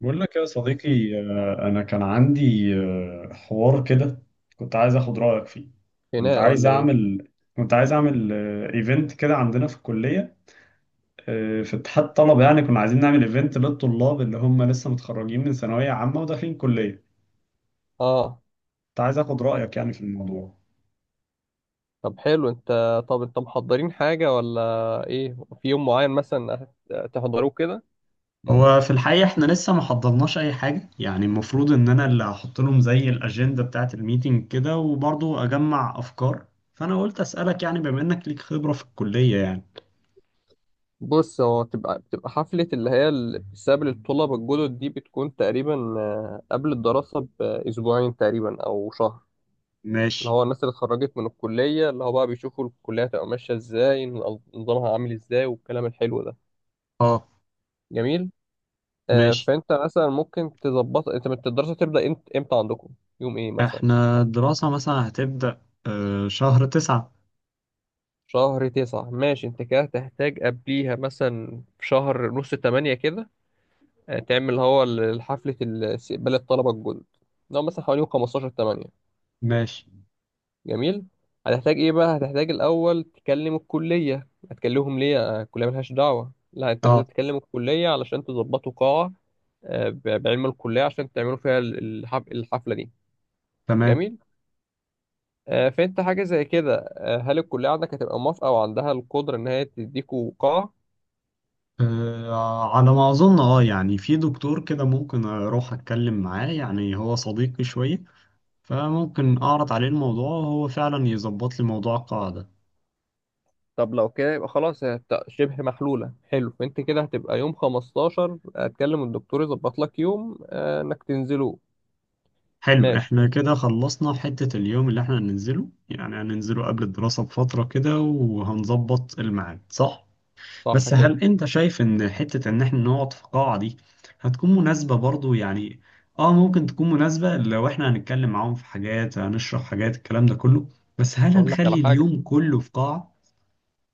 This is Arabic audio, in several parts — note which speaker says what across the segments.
Speaker 1: بقول لك يا صديقي، أنا كان عندي حوار كده. كنت عايز أخد رأيك فيه. كنت
Speaker 2: خناقة
Speaker 1: عايز
Speaker 2: ولا ايه؟
Speaker 1: أعمل كنت عايز أعمل إيفنت كده عندنا في الكلية، في اتحاد الطلبة. يعني كنا عايزين نعمل إيفنت للطلاب اللي هم لسه متخرجين من ثانوية عامة وداخلين كلية.
Speaker 2: اه.
Speaker 1: كنت عايز أخد رأيك يعني في الموضوع.
Speaker 2: طب حلو انت. طب انت محضرين حاجة ولا ايه؟ في يوم معين مثلا؟ تحضروه كده؟
Speaker 1: هو في الحقيقة احنا لسه ما حضرناش أي حاجة، يعني المفروض إن أنا اللي هحط لهم زي الأجندة بتاعة الميتنج كده، وبرضه أجمع أفكار. فأنا قلت أسألك يعني بما إنك ليك خبرة في الكلية يعني.
Speaker 2: بص، هو بتبقى حفلة اللي هي بسبب الطلبة الجدد دي، بتكون تقريبا قبل الدراسة بأسبوعين تقريبا أو شهر. اللي
Speaker 1: ماشي.
Speaker 2: هو الناس اللي اتخرجت من الكلية، اللي هو بقى بيشوفوا الكلية هتبقى ماشية ازاي، نظامها عامل ازاي والكلام الحلو ده.
Speaker 1: اه.
Speaker 2: جميل.
Speaker 1: ماشي.
Speaker 2: فانت مثلا ممكن تظبط انت الدراسة تبدأ امتى عندكم، يوم ايه مثلا؟
Speaker 1: احنا الدراسة مثلا هتبدأ شهر تسعة.
Speaker 2: شهر تسعة؟ ماشي، انت كده هتحتاج قبليها مثلا في شهر نص تمانية كده، تعمل اللي هو حفلة استقبال الطلبة الجدد، اللي هو مثلا حوالي يوم خمستاشر تمانية.
Speaker 1: ماشي.
Speaker 2: جميل. هتحتاج ايه بقى؟ هتحتاج الأول تكلم الكلية. هتكلمهم ليه؟ الكلية ملهاش دعوة، لا انت لازم
Speaker 1: اه.
Speaker 2: تكلم الكلية علشان تظبطوا قاعة، بعلم الكلية عشان تعملوا فيها الحفلة دي.
Speaker 1: تمام.
Speaker 2: جميل. فانت حاجة زي كده، هل الكلية عندك هتبقى موافقة وعندها القدرة ان هي تديكوا قاعة؟
Speaker 1: على ما أظن. اه يعني في دكتور كده ممكن أروح أتكلم معاه، يعني هو صديقي شوية، فممكن أعرض عليه الموضوع وهو فعلا يظبط لي موضوع القاعدة.
Speaker 2: طب لو كده يبقى خلاص، هي شبه محلولة. حلو. فانت كده هتبقى يوم 15 هتكلم الدكتور يظبط لك يوم، انك تنزله.
Speaker 1: حلو،
Speaker 2: ماشي،
Speaker 1: احنا كده خلصنا حتة اليوم اللي احنا هننزله، يعني هننزله قبل الدراسة بفترة كده، وهنظبط الميعاد، صح؟
Speaker 2: صح
Speaker 1: بس
Speaker 2: كده.
Speaker 1: هل انت شايف ان حتة ان احنا نقعد في قاعة دي هتكون مناسبة برضو؟ يعني اه ممكن تكون مناسبة لو احنا هنتكلم معاهم في حاجات، هنشرح حاجات، الكلام ده كله. بس هل
Speaker 2: اقول لك على
Speaker 1: هنخلي
Speaker 2: حاجة،
Speaker 1: اليوم كله في قاعة؟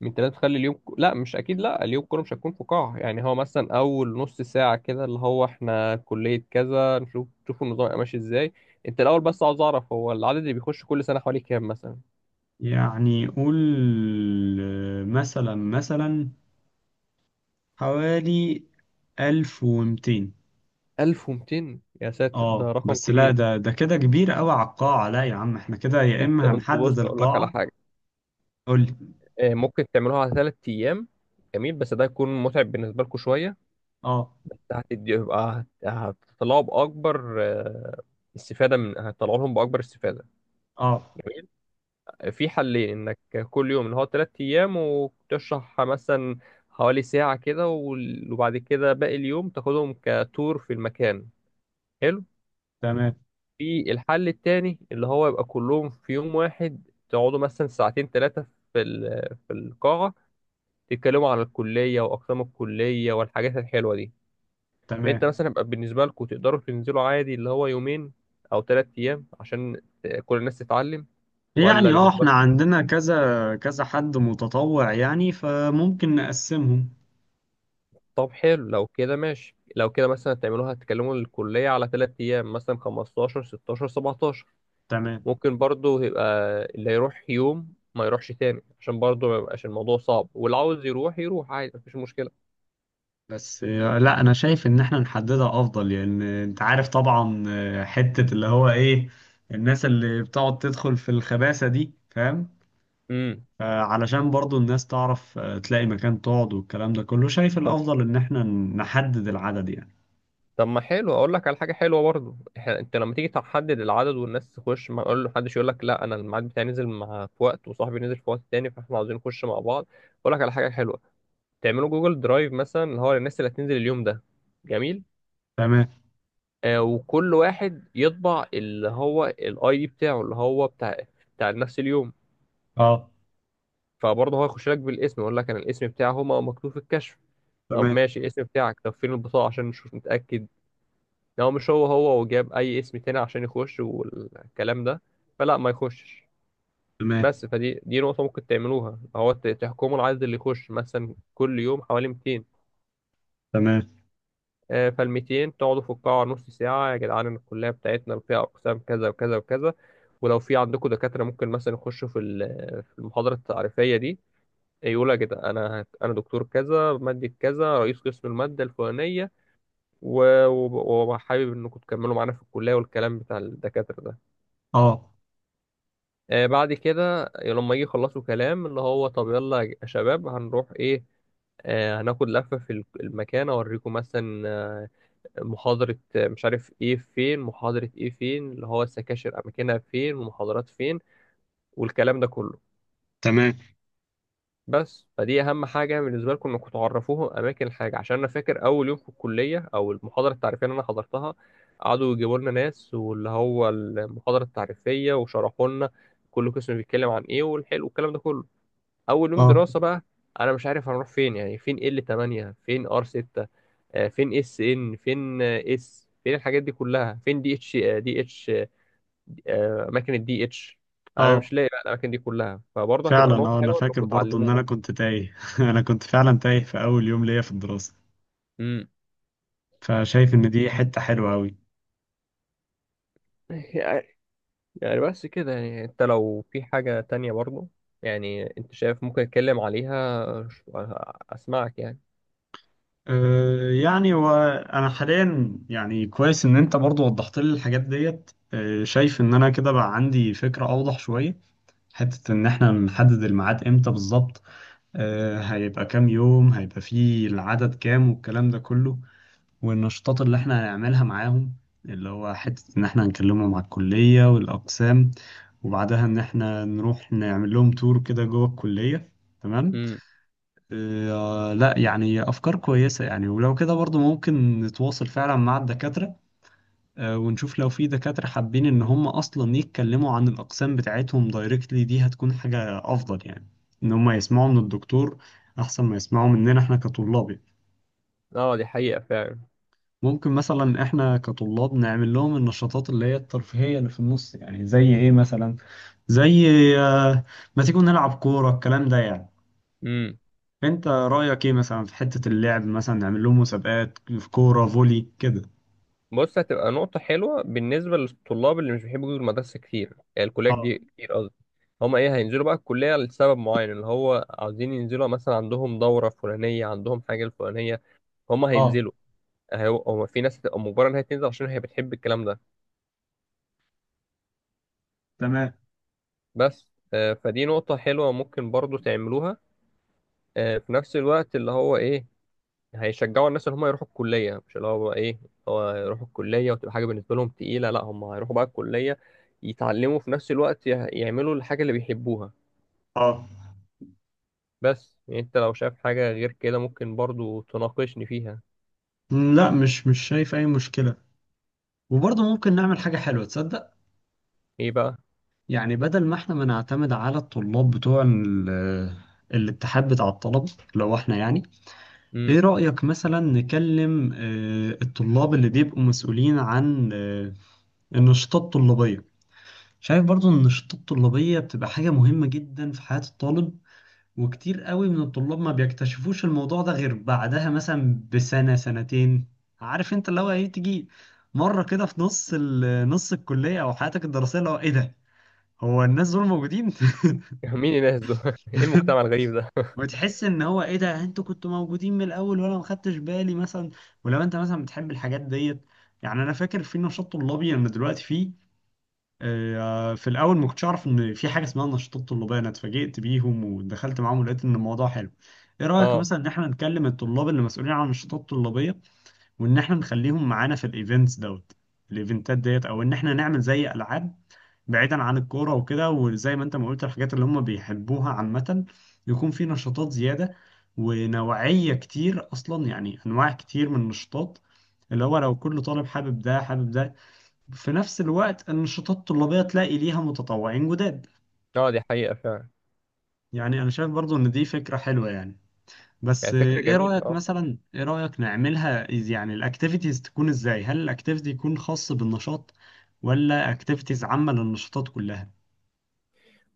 Speaker 2: من تلاتة تخلي اليوم لا، مش اكيد، لا. اليوم كله مش هتكون في قاعة، يعني هو مثلا اول نص ساعة كده اللي هو احنا كلية كذا، نشوف النظام يبقى ماشي ازاي. انت الاول، بس عاوز اعرف هو العدد اللي بيخش كل سنة حوالي كام مثلا؟
Speaker 1: يعني قول، مثلا مثلا حوالي 1200.
Speaker 2: 1200؟ يا ساتر، ده
Speaker 1: اه
Speaker 2: رقم
Speaker 1: بس لا،
Speaker 2: كبير.
Speaker 1: ده كده كبير قوي على القاعة، لا يا عم، احنا كده يا
Speaker 2: انت
Speaker 1: اما
Speaker 2: انت
Speaker 1: هنحدد
Speaker 2: بص، اقول لك على
Speaker 1: القاعة.
Speaker 2: حاجة،
Speaker 1: قول لي.
Speaker 2: ممكن تعملوها على ثلاث ايام. جميل، بس ده هيكون متعب بالنسبه لكم شويه،
Speaker 1: اه.
Speaker 2: بس هتدي، يبقى هتطلعوا باكبر استفاده، من هتطلعوا لهم باكبر استفاده.
Speaker 1: اه.
Speaker 2: جميل. في حلين، انك كل يوم اللي هو ثلاث ايام وتشرح مثلا حوالي ساعه كده، وبعد كده باقي اليوم تاخدهم كتور في المكان. حلو.
Speaker 1: تمام.
Speaker 2: في الحل التاني اللي هو يبقى كلهم في يوم واحد، تقعدوا مثلا ساعتين ثلاثه في القاعه تتكلموا عن الكلية وأقسام الكلية والحاجات الحلوة دي. فأنت
Speaker 1: تمام.
Speaker 2: مثلا يبقى بالنسبة لكم تقدروا تنزلوا عادي اللي هو يومين أو تلات أيام عشان كل الناس تتعلم، ولا
Speaker 1: يعني اه
Speaker 2: بالنسبة
Speaker 1: احنا
Speaker 2: لكم؟
Speaker 1: عندنا كذا كذا حد متطوع، يعني فممكن نقسمهم.
Speaker 2: طب حلو، لو كده ماشي. لو كده مثلا تعملوها تكلموا الكلية على تلات أيام مثلا 15 16 17.
Speaker 1: تمام.
Speaker 2: ممكن برضو يبقى اللي يروح يوم ما يروحش تاني عشان برضو ما يبقاش الموضوع صعب، واللي عاوز يروح يروح عادي، مفيش مشكلة.
Speaker 1: بس لا انا شايف ان احنا نحددها افضل، لان انت عارف طبعا، حتة اللي هو ايه، الناس اللي بتقعد تدخل في الخباثة دي، فاهم؟
Speaker 2: امم.
Speaker 1: فعلشان برضو الناس تعرف تلاقي مكان تقعد، والكلام ده كله، شايف الافضل ان احنا نحدد العدد يعني.
Speaker 2: طب ما حلو، اقول لك على حاجه حلوه برضو. انت لما تيجي تحدد العدد والناس تخش، ما اقول له محدش يقول لك لا انا الميعاد بتاعي نزل مع في وقت وصاحبي نزل في وقت تاني، فاحنا عاوزين نخش مع بعض. اقول لك على حاجه حلوه، تعملوا جوجل درايف مثلا اللي هو للناس اللي هتنزل اليوم ده. جميل.
Speaker 1: تمام.
Speaker 2: وكل واحد يطبع اللي هو الاي دي بتاعه اللي هو بتاع نفس اليوم،
Speaker 1: اه.
Speaker 2: فبرضه هو يخش لك بالاسم، يقول لك انا الاسم بتاعه هو مكتوب في الكشف. طب
Speaker 1: تمام.
Speaker 2: ماشي، الاسم بتاعك؟ طب فين البطاقه عشان نشوف نتاكد؟ لو مش هو وجاب اي اسم تاني عشان يخش والكلام ده، فلا، ما يخشش.
Speaker 1: تمام.
Speaker 2: بس فدي نقطة ممكن تعملوها، هو تحكموا العدد اللي يخش مثلا كل يوم حوالي 200.
Speaker 1: تمام.
Speaker 2: فال 200 تقعدوا في القاعة نص ساعة، يا جدعان إن الكلية بتاعتنا فيها أقسام كذا وكذا وكذا. ولو في عندكم دكاترة ممكن مثلا يخشوا في المحاضرة التعريفية دي، يقول يا جدعان، أنا دكتور كذا، مادة كذا، رئيس قسم المادة الفلانية، وحابب إنكم تكملوا معانا في الكلية والكلام بتاع الدكاترة ده.
Speaker 1: اه.
Speaker 2: بعد كده لما يجي يخلصوا كلام اللي هو طب يلا يا شباب هنروح ايه، هناخد لفة في المكان اوريكم مثلا محاضرة، مش عارف ايه، فين محاضرة ايه، فين اللي هو السكاشر اماكنها فين والمحاضرات فين والكلام ده كله.
Speaker 1: تمام.
Speaker 2: بس فدي اهم حاجة بالنسبة لكم، انكم تعرفوهم اماكن الحاجة، عشان انا فاكر اول يوم في الكلية او المحاضرة التعريفية اللي انا حضرتها قعدوا يجيبوا لنا ناس واللي هو المحاضرة التعريفية وشرحوا لنا كل قسم بيتكلم عن ايه والحلو والكلام ده كله. اول يوم
Speaker 1: اه.
Speaker 2: دراسه بقى انا مش عارف هنروح فين، يعني فين ال 8، فين ار 6، فين اس ان، فين اس، فين الحاجات دي كلها، فين دي اتش، اماكن الدي اتش، انا
Speaker 1: اه
Speaker 2: مش لاقي بقى الاماكن دي كلها. فبرضه
Speaker 1: فعلا،
Speaker 2: هتبقى نقطه
Speaker 1: اه انا
Speaker 2: حلوه
Speaker 1: فاكر
Speaker 2: انكم
Speaker 1: برضو ان انا
Speaker 2: تعلموهم.
Speaker 1: كنت تايه انا كنت فعلا تايه في اول يوم ليا في الدراسة.
Speaker 2: امم.
Speaker 1: فشايف ان دي حتة حلوة قوي.
Speaker 2: يعني، يعني بس كده. يعني انت لو في حاجه تانية برضه، يعني انت شايف ممكن اتكلم عليها اسمعك يعني.
Speaker 1: أه يعني وانا حاليا يعني كويس ان انت برضو وضحت لي الحاجات ديت. أه شايف ان انا كده بقى عندي فكرة اوضح شوية، حتة ان احنا نحدد الميعاد امتى بالظبط. أه هيبقى كام يوم، هيبقى فيه العدد كام، والكلام ده كله، والنشاطات اللي احنا هنعملها معاهم، اللي هو حتة ان احنا هنكلمهم على الكلية والأقسام، وبعدها ان احنا نروح نعمل لهم تور كده جوه الكلية. تمام.
Speaker 2: امم.
Speaker 1: اه لا يعني افكار كويسة يعني، ولو كده برضو ممكن نتواصل فعلا مع الدكاترة. اه ونشوف لو في دكاترة حابين ان هم اصلا يتكلموا عن الأقسام بتاعتهم دايركتلي، دي هتكون حاجة افضل يعني، ان هم يسمعوا من الدكتور احسن ما يسمعوا مننا احنا كطلاب يعني.
Speaker 2: اه، دي حقيقه فعلا.
Speaker 1: ممكن مثلا احنا كطلاب نعمل لهم النشاطات اللي هي الترفيهية اللي في النص، يعني زي ايه مثلا؟ زي آه، ما تيجوا نلعب كورة، الكلام ده يعني.
Speaker 2: امم.
Speaker 1: انت رأيك ايه مثلا في حتة اللعب؟ مثلا نعمل لهم مسابقات في كورة فولي كده.
Speaker 2: بص، هتبقى نقطة حلوة بالنسبة للطلاب اللي مش بيحبوا يجوا المدرسة كتير، يعني
Speaker 1: اه.
Speaker 2: الكليات دي كتير قصدي. هما ايه، هينزلوا بقى الكلية لسبب معين اللي هو عاوزين ينزلوا مثلا عندهم دورة فلانية، عندهم حاجة الفلانية، هما
Speaker 1: اه.
Speaker 2: هينزلوا. هما في ناس هتبقى مجبرة انها تنزل عشان هي بتحب الكلام ده.
Speaker 1: تمام.
Speaker 2: بس فدي نقطة حلوة ممكن برضو تعملوها، في نفس الوقت اللي هو ايه، هيشجعوا الناس ان هم يروحوا الكليه، مش اللي هو بقى ايه هو يروحوا الكليه وتبقى حاجه بالنسبه لهم تقيله، لا هم هيروحوا بقى الكليه يتعلموا، في نفس الوقت يعملوا الحاجه اللي بيحبوها.
Speaker 1: اه.
Speaker 2: بس يعني انت لو شايف حاجه غير كده ممكن برضو تناقشني فيها.
Speaker 1: لا مش شايف اي مشكلة. وبرضه ممكن نعمل حاجة حلوة، تصدق؟
Speaker 2: ايه بقى؟
Speaker 1: يعني بدل ما احنا ما نعتمد على الطلاب بتوع الاتحاد بتاع الطلبة، لو احنا يعني،
Speaker 2: امم.
Speaker 1: ايه رأيك مثلا نكلم الطلاب اللي بيبقوا مسؤولين عن النشاطات الطلابية؟ شايف برضو ان النشاطات الطلابية بتبقى حاجة مهمة جدا في حياة الطالب، وكتير قوي من الطلاب ما بيكتشفوش الموضوع ده غير بعدها مثلا بسنة سنتين. عارف انت اللي هو ايه، تيجي مرة كده في نص نص الكلية او حياتك الدراسية، اللي هو ايه ده، هو الناس دول موجودين؟
Speaker 2: مين الناس دول؟ ايه المجتمع الغريب ده؟
Speaker 1: وتحس ان هو ايه ده، انتوا كنتوا موجودين من الاول وانا ما خدتش بالي مثلا. ولو انت مثلا بتحب الحاجات ديت، يعني انا فاكر في نشاط طلابي انا دلوقتي فيه، في الاول ما كنتش اعرف ان في حاجه اسمها نشاطات طلابيه، انا اتفاجئت بيهم ودخلت معاهم ولقيت ان الموضوع حلو. ايه رايك
Speaker 2: اه.
Speaker 1: مثلا ان احنا نكلم الطلاب اللي مسؤولين عن النشاطات الطلابيه، وان احنا نخليهم معانا في الايفنتس دوت، الايفنتات ديت؟ او ان احنا نعمل زي العاب، بعيدا عن الكورة وكده، وزي ما انت ما قلت الحاجات اللي هم بيحبوها عامة، يكون في نشاطات زيادة، ونوعية كتير، أصلا يعني أنواع كتير من النشاطات، اللي هو لو كل طالب حابب ده حابب ده، في نفس الوقت النشاطات الطلابية تلاقي ليها متطوعين جداد.
Speaker 2: اه، دي حقيقه فعلا.
Speaker 1: يعني أنا شايف برضو إن دي فكرة حلوة يعني. بس
Speaker 2: يعني فكره
Speaker 1: إيه
Speaker 2: جميله،
Speaker 1: رأيك
Speaker 2: اه.
Speaker 1: مثلا، إيه رأيك نعملها؟ يعني الأكتيفيتيز تكون إزاي؟ هل الأكتيفيتي يكون خاص بالنشاط ولا أكتيفيتيز عامة للنشاطات كلها؟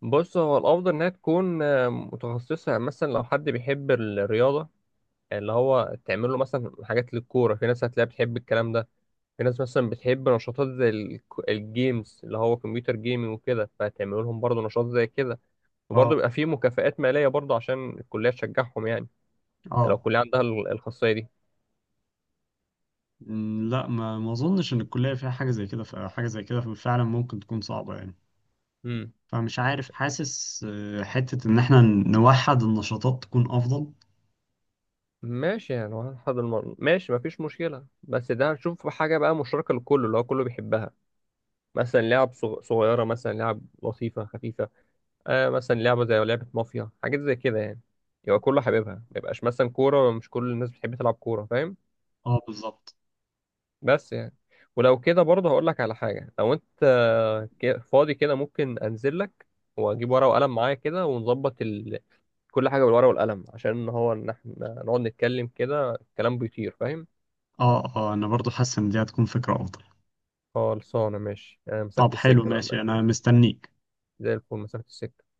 Speaker 2: بص، هو الافضل انها تكون متخصصه، يعني مثلا لو حد بيحب الرياضه اللي هو تعمل له مثلا حاجات للكوره، في ناس هتلاقيها بتحب الكلام ده. في ناس مثلا بتحب نشاطات زي الجيمز اللي هو كمبيوتر جيمنج وكده، فهتعملوا لهم برضه نشاط زي كده. وبرضه
Speaker 1: اه.
Speaker 2: بيبقى فيه مكافآت مالية برضه عشان الكلية تشجعهم يعني، ده لو
Speaker 1: اه.
Speaker 2: الكلية عندها الخاصية دي.
Speaker 1: لا ما اظنش ان الكليه فيها حاجه زي كده، فحاجه زي كده فعلا ممكن تكون صعبه يعني.
Speaker 2: امم.
Speaker 1: فمش عارف، حاسس حته ان احنا نوحد النشاطات تكون افضل.
Speaker 2: ماشي، يعني هنحضر ماشي مفيش مشكلة. بس ده هنشوف حاجة بقى مشتركة لكله اللي هو كله بيحبها، مثلا لعب صغيرة، مثلا لعب لطيفة خفيفة، آه مثلا لعبة زي لعبة مافيا، حاجات زي كده يعني. يبقى كله حاببها، ما يبقاش مثلا كورة، مش كل الناس بتحب تلعب كورة، فاهم؟
Speaker 1: اه بالظبط.
Speaker 2: بس يعني، ولو كده برضه هقول لك على حاجة، لو انت فاضي كده ممكن انزل لك واجيب ورقة وقلم معايا كده، ونظبط كل حاجة بالورقة والقلم، عشان هو ان احنا نقعد نتكلم كده الكلام بيطير، فاهم؟
Speaker 1: اه اه انا برضو حاسس ان دي هتكون فكره افضل.
Speaker 2: خلصانة ماشي. مسافة
Speaker 1: طب حلو،
Speaker 2: السكة بقى.
Speaker 1: ماشي،
Speaker 2: ماشي،
Speaker 1: انا مستنيك.
Speaker 2: زي الفل، مسافة السكة.